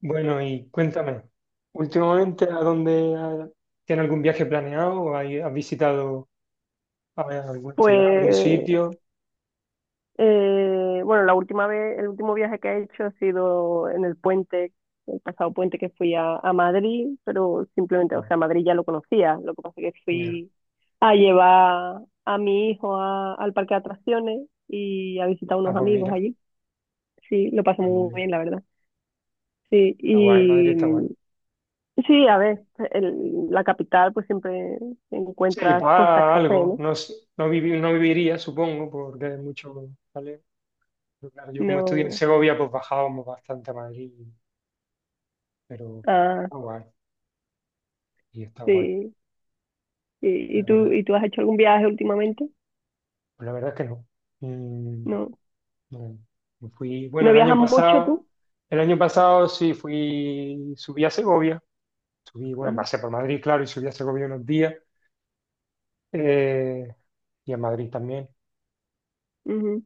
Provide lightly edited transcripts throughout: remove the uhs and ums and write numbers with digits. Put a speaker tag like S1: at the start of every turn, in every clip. S1: Bueno, y cuéntame, últimamente, ¿a dónde ha- tiene algún viaje planeado? ¿O hay- has visitado a ver, alguna ciudad, algún
S2: Pues,
S1: sitio?
S2: bueno, la última vez, el último viaje que he hecho ha sido en el puente, el pasado puente que fui a Madrid, pero simplemente, o
S1: Ah,
S2: sea, Madrid ya lo conocía, lo que pasa es que
S1: mira.
S2: fui a llevar a mi hijo al parque de atracciones y a visitar
S1: Ah,
S2: unos
S1: pues
S2: amigos
S1: mira,
S2: allí. Sí, lo pasé
S1: ah, pues
S2: muy
S1: mira.
S2: bien, la verdad. Sí,
S1: Está guay, Madrid
S2: y
S1: está guay.
S2: sí, a ver, la capital pues siempre
S1: Sí, pues
S2: encuentras cosas
S1: ah,
S2: que hacer,
S1: algo.
S2: ¿no?
S1: No, s- no, vivi- no viviría, supongo, porque hay mucho, ¿vale? Pero claro, yo como estudié en
S2: No,
S1: Segovia, pues bajábamos bastante a Madrid, pero
S2: ah,
S1: está guay, y está guay,
S2: sí. ¿Y, y
S1: la
S2: tú,
S1: verdad.
S2: y tú has hecho algún viaje últimamente?
S1: Pues la verdad es que no. Mm,
S2: No,
S1: No, no fui, bueno,
S2: no viajas mucho tú.
S1: el año pasado sí fui, subí a Segovia, subí, bueno,
S2: Ajá,
S1: pasé por Madrid, claro, y subí a Segovia unos días, eh, y a Madrid también,
S2: ujú,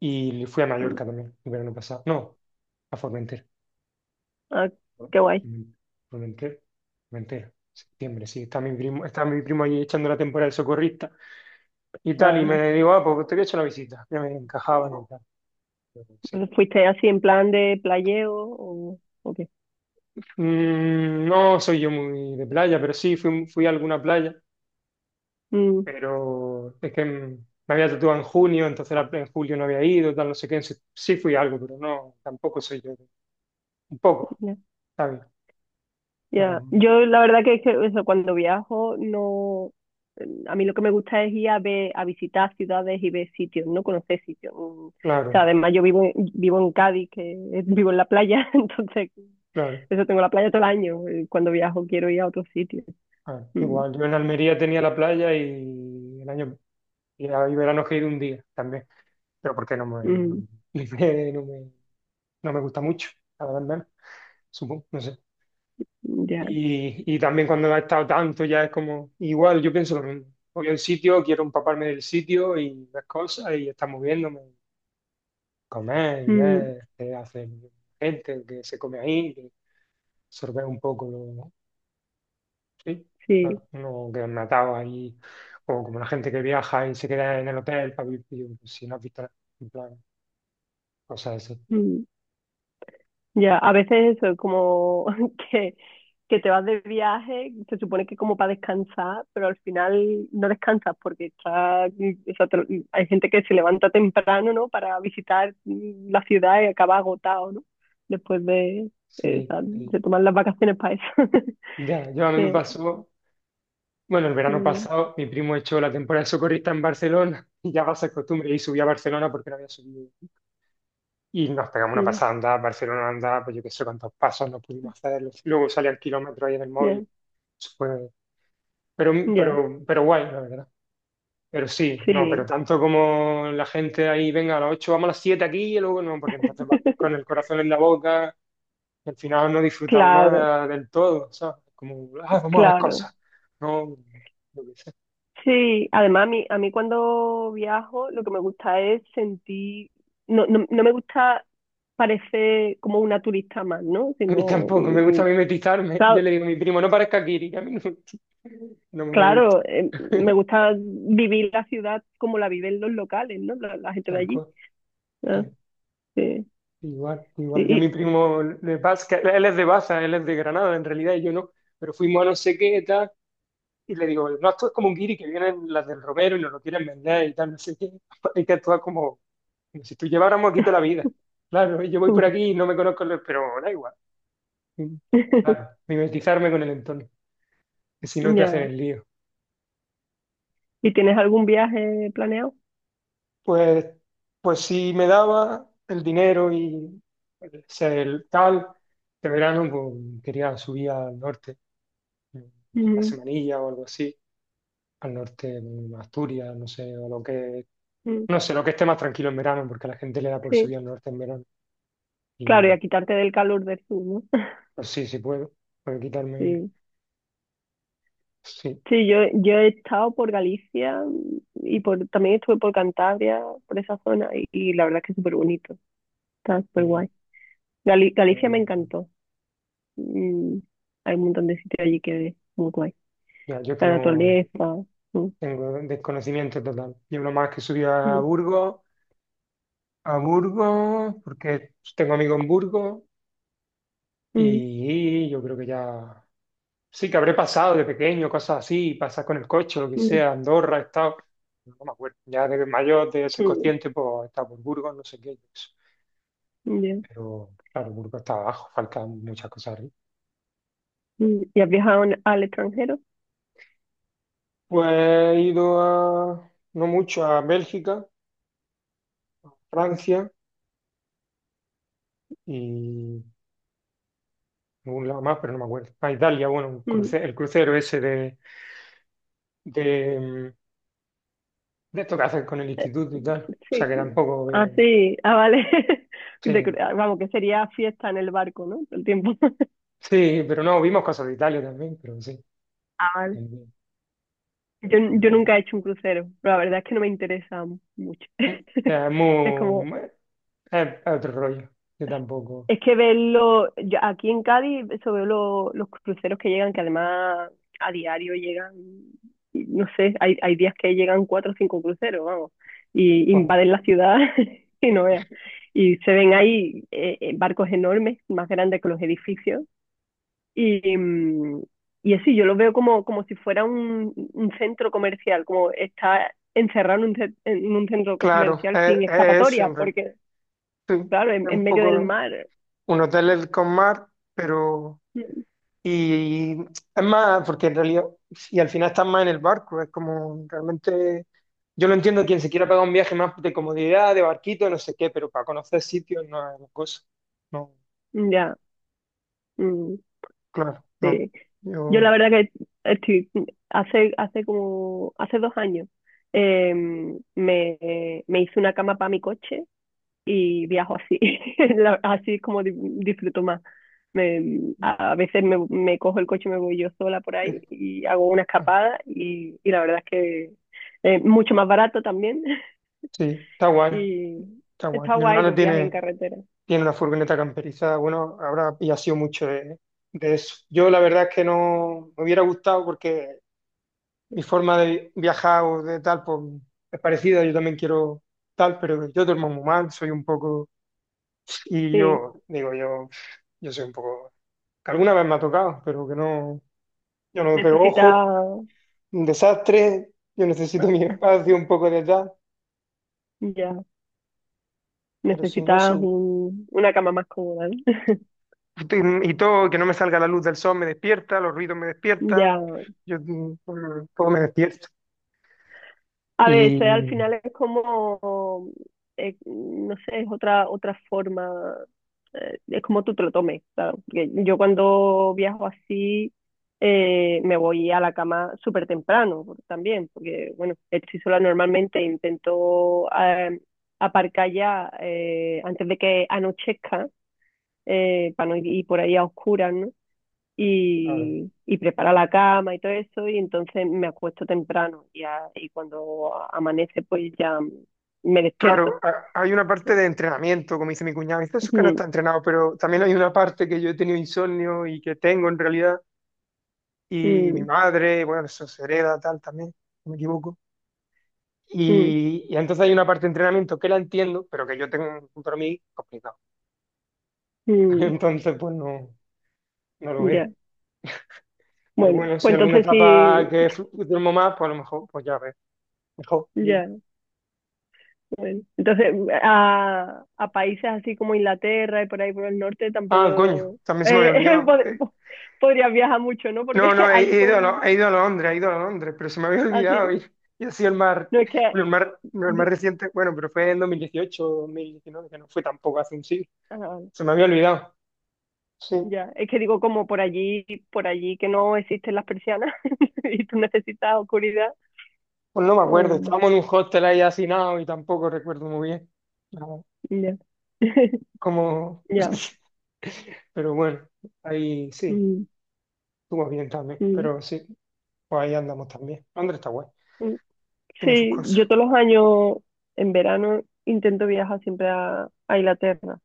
S1: y fui a
S2: mm.
S1: Mallorca también, el verano pasado, no, a Formentera,
S2: Ah,
S1: ¿no?
S2: qué guay.
S1: Formentera, Formentera, septiembre, sí, está mi primo allí echando la temporada de socorrista y tal, y
S2: Ajá.
S1: me digo, ah, pues te voy a echar una visita, ya me encajaban y tal, pero sí.
S2: ¿Fuiste así en plan de playeo o qué?
S1: Mm, no soy yo muy de playa, pero sí fui, fui a alguna playa.
S2: Mm,
S1: Pero es que me había tatuado en junio, entonces la- en julio no había ido, tal, no sé qué, sí, sí fui algo, pero no, tampoco soy yo, un poco,
S2: ya,
S1: ¿sabes?
S2: ya.
S1: No,
S2: Yo la verdad que, es que eso, cuando viajo no, mm, a mí lo que me gusta es ir a ver, a visitar ciudades y ver sitios, no conocer sitios. Mm. O sea,
S1: claro,
S2: además yo vivo en, vivo en Cádiz, que vivo en la playa, entonces
S1: claro.
S2: eso tengo la playa todo el año. Cuando viajo quiero ir a otros sitios.
S1: A ver,
S2: Mm,
S1: igual, yo en Almería tenía la playa y el año, y ahí verano que he ido un día también, pero porque no me, no
S2: mm.
S1: me, no me, no me gusta mucho, la verdad, al menos, supongo, no sé.
S2: Ya,
S1: Y también cuando ha estado tanto ya es como, igual yo pienso lo mismo. Voy a un sitio, quiero empaparme del sitio y las cosas y estar moviéndome. Comer y
S2: mm,
S1: ver qué hace gente, que se come ahí, que absorber un poco lo, sí, no,
S2: sí,
S1: no quedan atados ahí, o como la gente que viaja y se queda en el hotel para vivir, si no has visto, en plan, cosas así.
S2: mm, ya, a veces eso, como que, que te vas de viaje, se supone que como para descansar, pero al final no descansas porque está, o sea, hay gente que se levanta temprano, ¿no? Para visitar la ciudad y acaba agotado, ¿no? Después de, o
S1: Sí,
S2: sea,
S1: sí.
S2: se toman las vacaciones para eso.
S1: Ya, yo a mí me
S2: Eh,
S1: pasó, bueno, el verano
S2: mm,
S1: pasado mi primo echó la temporada de socorrista en Barcelona y ya va a ser costumbre y subí a Barcelona porque no había subido. Y nos pegamos una
S2: mm,
S1: pasada andada, Barcelona andada pues yo qué sé cuántos pasos nos pudimos hacer. Luego salía el kilómetro ahí en el
S2: ya,
S1: móvil. Eso fue. Pero,
S2: ya,
S1: pero guay, la verdad. Pero sí, no, pero
S2: sí,
S1: tanto como la gente ahí, venga, a las 8 vamos a las 7 aquí y luego no, porque entonces va con el corazón en la boca, y al final no disfrutan
S2: claro,
S1: nada del todo, ¿sabes? Como, ah, vamos a ver
S2: claro.
S1: cosas. No, yo sé.
S2: Sí, además a mí cuando viajo lo que me gusta es sentir, no me gusta parecer como una turista más, ¿no?
S1: A mí
S2: Sino,
S1: tampoco, me gusta mimetizarme. Yo
S2: claro,
S1: le digo a mi primo, no parezca Kiri, que a mí no, no me gusta.
S2: claro, me gusta vivir la ciudad como la viven los locales, ¿no? La gente de
S1: Tal
S2: allí.
S1: cual.
S2: Ah,
S1: Claro.
S2: sí,
S1: Igual,
S2: sí.
S1: igual. Yo a mi primo de Baza, que él es de Baza, él es de Granada en realidad, y yo no. Pero fuimos a no sé qué, tal. Y le digo, no actúes como un guiri que vienen las del Romero y nos lo quieren vender y tal, no sé qué. Hay que actuar como, como si tú lleváramos aquí toda la vida. Claro, yo voy por aquí y no me conozco, los- pero da igual. Claro, mimetizarme con el entorno, que si no te hacen
S2: Ya.
S1: el lío.
S2: ¿Y tienes algún viaje planeado?
S1: Pues, pues si me daba el dinero y o sea, el tal, de verano pues, quería subir al norte, una
S2: Ujú,
S1: semanilla o algo así, al norte, a Asturias, no sé, o lo que
S2: ujú.
S1: no sé, lo que esté más tranquilo en verano, porque a la gente le da por
S2: Sí,
S1: subir al norte en verano.
S2: claro, y
S1: Y
S2: a quitarte del calor del sur, ¿no?
S1: pues sí, sí puedo. Puedo quitarme.
S2: Sí.
S1: Sí.
S2: Sí, yo he estado por Galicia también estuve por Cantabria, por esa zona, y la verdad es que es súper bonito, está súper
S1: y,
S2: guay. Galicia
S1: eh,
S2: me encantó. Mm, hay un montón de sitios allí que es muy guay.
S1: ya, yo que
S2: La
S1: no
S2: naturaleza. mm,
S1: tengo desconocimiento total. Yo lo más que subí
S2: mm,
S1: A Burgos, porque tengo amigos en Burgos,
S2: mm,
S1: y yo creo que ya. Sí, que habré pasado de pequeño, cosas así, pasar con el coche, lo que sea, Andorra, he estado. No me acuerdo. Ya de mayor, de ser
S2: mm,
S1: consciente, pues he estado por Burgos, no sé qué.
S2: ya,
S1: Pero claro, Burgos está abajo, faltan muchas cosas arriba.
S2: mm. ¿Y has viajado al extranjero?
S1: Pues he ido a, no mucho, a Bélgica, Francia y algún lado más, pero no me acuerdo. A Italia, bueno, un
S2: Mm,
S1: cruce- el crucero ese de, de esto que hacen con el instituto y tal. O sea
S2: sí.
S1: que tampoco,
S2: Ah, sí. Ah, vale.
S1: sí,
S2: Ah, vamos, que sería fiesta en el barco, ¿no? Todo el tiempo.
S1: sí, pero no, vimos cosas de Italia también, pero sí.
S2: Ah, vale.
S1: También.
S2: Yo
S1: No.
S2: nunca he hecho un crucero, pero la verdad es que no me interesa mucho.
S1: Es
S2: Es como,
S1: muy, es otro rollo, yo tampoco.
S2: es que verlo, yo aquí en Cádiz, eso veo los cruceros que llegan, que además a diario llegan, y no sé, hay días que llegan cuatro o cinco cruceros, vamos, y
S1: Bueno,
S2: invaden la ciudad y no veas. Y se ven ahí barcos enormes, más grandes que los edificios. Y, y así, yo lo veo como, como si fuera un centro comercial, como está encerrado en un centro
S1: claro,
S2: comercial sin
S1: es eso,
S2: escapatoria,
S1: en re-
S2: porque,
S1: sí,
S2: claro,
S1: es
S2: en
S1: un
S2: medio del
S1: poco
S2: mar.
S1: un hotel es con mar, pero...
S2: Mm,
S1: Y es más, porque en realidad, y al final estás más en el barco, es como realmente, yo lo entiendo quien se quiera pagar un viaje más de comodidad, de barquito, no sé qué, pero para conocer sitios no es la cosa. No,
S2: Ya, mm,
S1: claro, no.
S2: sí. Yo la
S1: Yo,
S2: verdad que estoy, hace, hace como, hace dos años, em, me, me hice una cama para mi coche y viajo así. Así es como disfruto más. A veces me, me cojo el coche y me voy yo sola por ahí
S1: eh,
S2: y hago una
S1: ah,
S2: escapada y la verdad es que es mucho más barato también.
S1: sí, está guay,
S2: Y
S1: está guay.
S2: está
S1: Mi
S2: guay
S1: hermano
S2: los viajes en
S1: tiene,
S2: carretera.
S1: tiene una furgoneta camperizada, bueno, ahora y ha sido mucho de eso. Yo la verdad es que no me hubiera gustado porque mi forma de viajar o de tal, pues es parecida, yo también quiero tal, pero yo duermo muy mal, soy un poco, y
S2: Sí,
S1: yo digo, yo soy un poco, que alguna vez me ha tocado, pero que no, yo no me pego
S2: necesitas,
S1: ojo,
S2: ah,
S1: un desastre, yo necesito mi espacio, un poco de tal,
S2: ya,
S1: pero si no,
S2: necesitas
S1: sí.
S2: una cama más cómoda, ¿no?
S1: Y todo, que no me salga la luz del sol me despierta, los ruidos me despiertan,
S2: Ya.
S1: yo, todo me despierta.
S2: A ver, eso al
S1: Y
S2: final es como, no sé, es otra, otra forma, es como tú te lo tomes, claro. Porque yo cuando viajo así me voy a la cama súper temprano también, porque bueno, estoy sola normalmente, intento aparcar ya antes de que anochezca, para no ir por ahí a oscuras, ¿no?
S1: claro,
S2: Y, y prepara la cama y todo eso, y entonces me acuesto temprano y, y cuando amanece pues ya me despierto.
S1: Claro, ha- hay una parte de entrenamiento, como dice mi cuñado, dice eso que no
S2: Mm,
S1: está entrenado, pero también hay una parte que yo he tenido insomnio y que tengo en realidad, y mi
S2: mm,
S1: madre, bueno, eso se hereda tal también, si no me equivoco.
S2: mm,
S1: Y entonces hay una parte de entrenamiento que la entiendo, pero que yo tengo para mí complicado.
S2: mm,
S1: Entonces, pues no, no lo veo.
S2: ya,
S1: Pero
S2: bueno,
S1: bueno, si
S2: pues
S1: alguna
S2: entonces sí,
S1: etapa que flu- duermo más, pues a lo mejor, pues ya ves, mejor. Digo.
S2: ya, bueno. Entonces a países así como Inglaterra y por ahí por el norte
S1: Ah, coño,
S2: tampoco
S1: también se me había
S2: eh,
S1: olvidado.
S2: pod- po- podrías viajar mucho, ¿no? Porque
S1: No, no,
S2: allí
S1: he ido a, Lo-
S2: con
S1: he ido a Londres, he ido a Londres, pero se me había olvidado
S2: así,
S1: y ha sido el mar,
S2: no es que...
S1: bueno, el mar, no, el más reciente, bueno, pero fue en 2018, 2019, que no fue tampoco hace un siglo,
S2: ah.
S1: se me había olvidado, sí,
S2: Ya, es que digo como por allí que no existen las persianas y tú necesitas oscuridad.
S1: pues no me acuerdo,
S2: O
S1: estábamos en un hostel ahí hacinados y tampoco recuerdo muy bien, no,
S2: ya,
S1: como,
S2: ya.
S1: pero bueno, ahí sí,
S2: mm,
S1: estuvo bien también,
S2: mm,
S1: pero sí, pues ahí andamos también, Londres está guay,
S2: mm.
S1: tiene sus
S2: Sí,
S1: cosas,
S2: yo todos los años en verano intento viajar siempre a Inglaterra,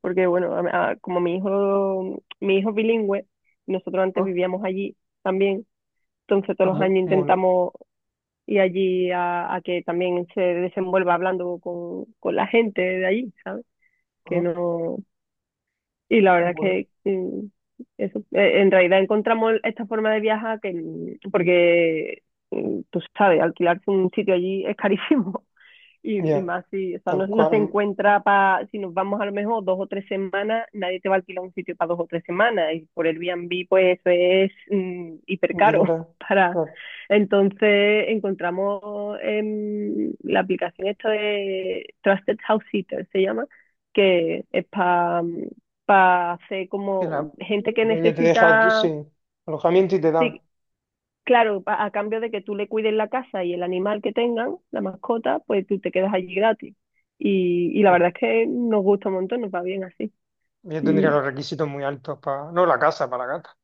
S2: porque bueno, como mi hijo es bilingüe, nosotros antes
S1: ah,
S2: vivíamos allí también, entonces todos los
S1: amo,
S2: años
S1: mola,
S2: intentamos ir allí a que también se desenvuelva hablando con la gente de allí, ¿sabes? Que
S1: ah,
S2: no. Y la verdad es
S1: mola,
S2: que eso, en realidad encontramos esta forma de viajar que, mm, porque tú sabes, alquilarse un sitio allí es carísimo. Y
S1: ya,
S2: más si, o sea, no,
S1: tal
S2: no se
S1: cual,
S2: encuentra para, si nos vamos a lo mejor dos o tres semanas, nadie te va a alquilar un sitio para dos o tres semanas. Y por el Airbnb, pues eso es hiper caro
S1: dinero.
S2: para...
S1: Claro.
S2: Entonces encontramos la aplicación esta de Trusted House Sitter, se llama, que es para hacer
S1: Que la,
S2: como gente
S1: la
S2: que
S1: peña te deja tú
S2: necesita
S1: sin alojamiento y te dan.
S2: sí. Claro, a cambio de que tú le cuides la casa y el animal que tengan, la mascota, pues tú te quedas allí gratis. Y la
S1: Uf,
S2: verdad es que nos gusta un montón, nos va bien así.
S1: yo
S2: Mm.
S1: tendría los requisitos muy altos para. No, la casa, para la gata.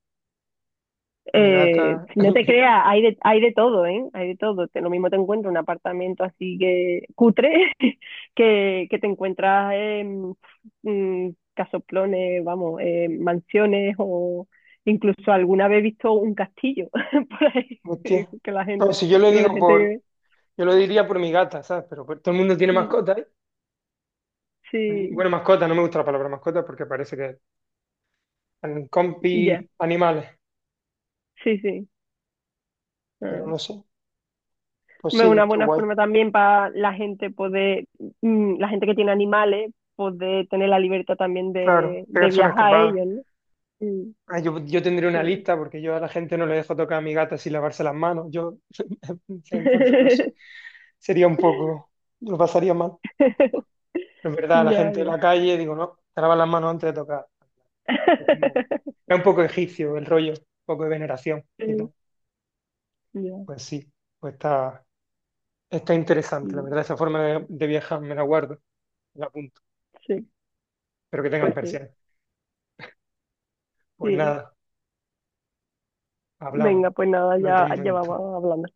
S1: Mi gata.
S2: Si no te creas, hay de todo, ¿eh? Hay de todo. Lo mismo te encuentras un apartamento así que cutre, que te encuentras en mm, casoplones, vamos, mansiones o incluso alguna vez he visto un castillo por ahí.
S1: Hostia.
S2: Digo, que la
S1: No,
S2: gente,
S1: si yo lo
S2: digo, la
S1: digo por.
S2: gente,
S1: Yo lo diría por mi gata, ¿sabes? Pero pues, todo el mundo tiene
S2: mm,
S1: mascotas. ¿Eh?
S2: sí.
S1: Bueno, mascota, no me gusta la palabra mascota porque parece que son
S2: Ya,
S1: compi animales.
S2: sí, sí. Ah,
S1: Pero no sé. Pues
S2: es
S1: sí,
S2: una
S1: está
S2: buena
S1: guay.
S2: forma también para la gente poder, la gente que tiene animales, poder tener la libertad también
S1: Claro,
S2: de
S1: pegarse una
S2: viajar a
S1: escapada.
S2: ellos, ¿no? Mm,
S1: Ah, yo tendría una
S2: sí.
S1: lista porque yo a la gente no le dejo tocar a mi gata sin lavarse las manos. Yo. Entonces, no sé. Sería un poco, lo pasaría mal. Pero es verdad, la
S2: Ya,
S1: gente de
S2: ya.
S1: la calle, digo, no, te lavas las manos antes de tocar. Es como, es un poco egipcio el rollo, un poco de veneración y
S2: Sí,
S1: tal.
S2: ya.
S1: Pues sí, pues está, está interesante, la
S2: mm,
S1: verdad, esa forma de viajar me la guardo, me la apunto.
S2: Sí,
S1: Espero que tengan
S2: pues sí,
S1: persianas. Pues
S2: sí.
S1: nada, hablamos
S2: Venga, pues nada,
S1: en otro
S2: ya, ya
S1: momento.
S2: vamos hablando.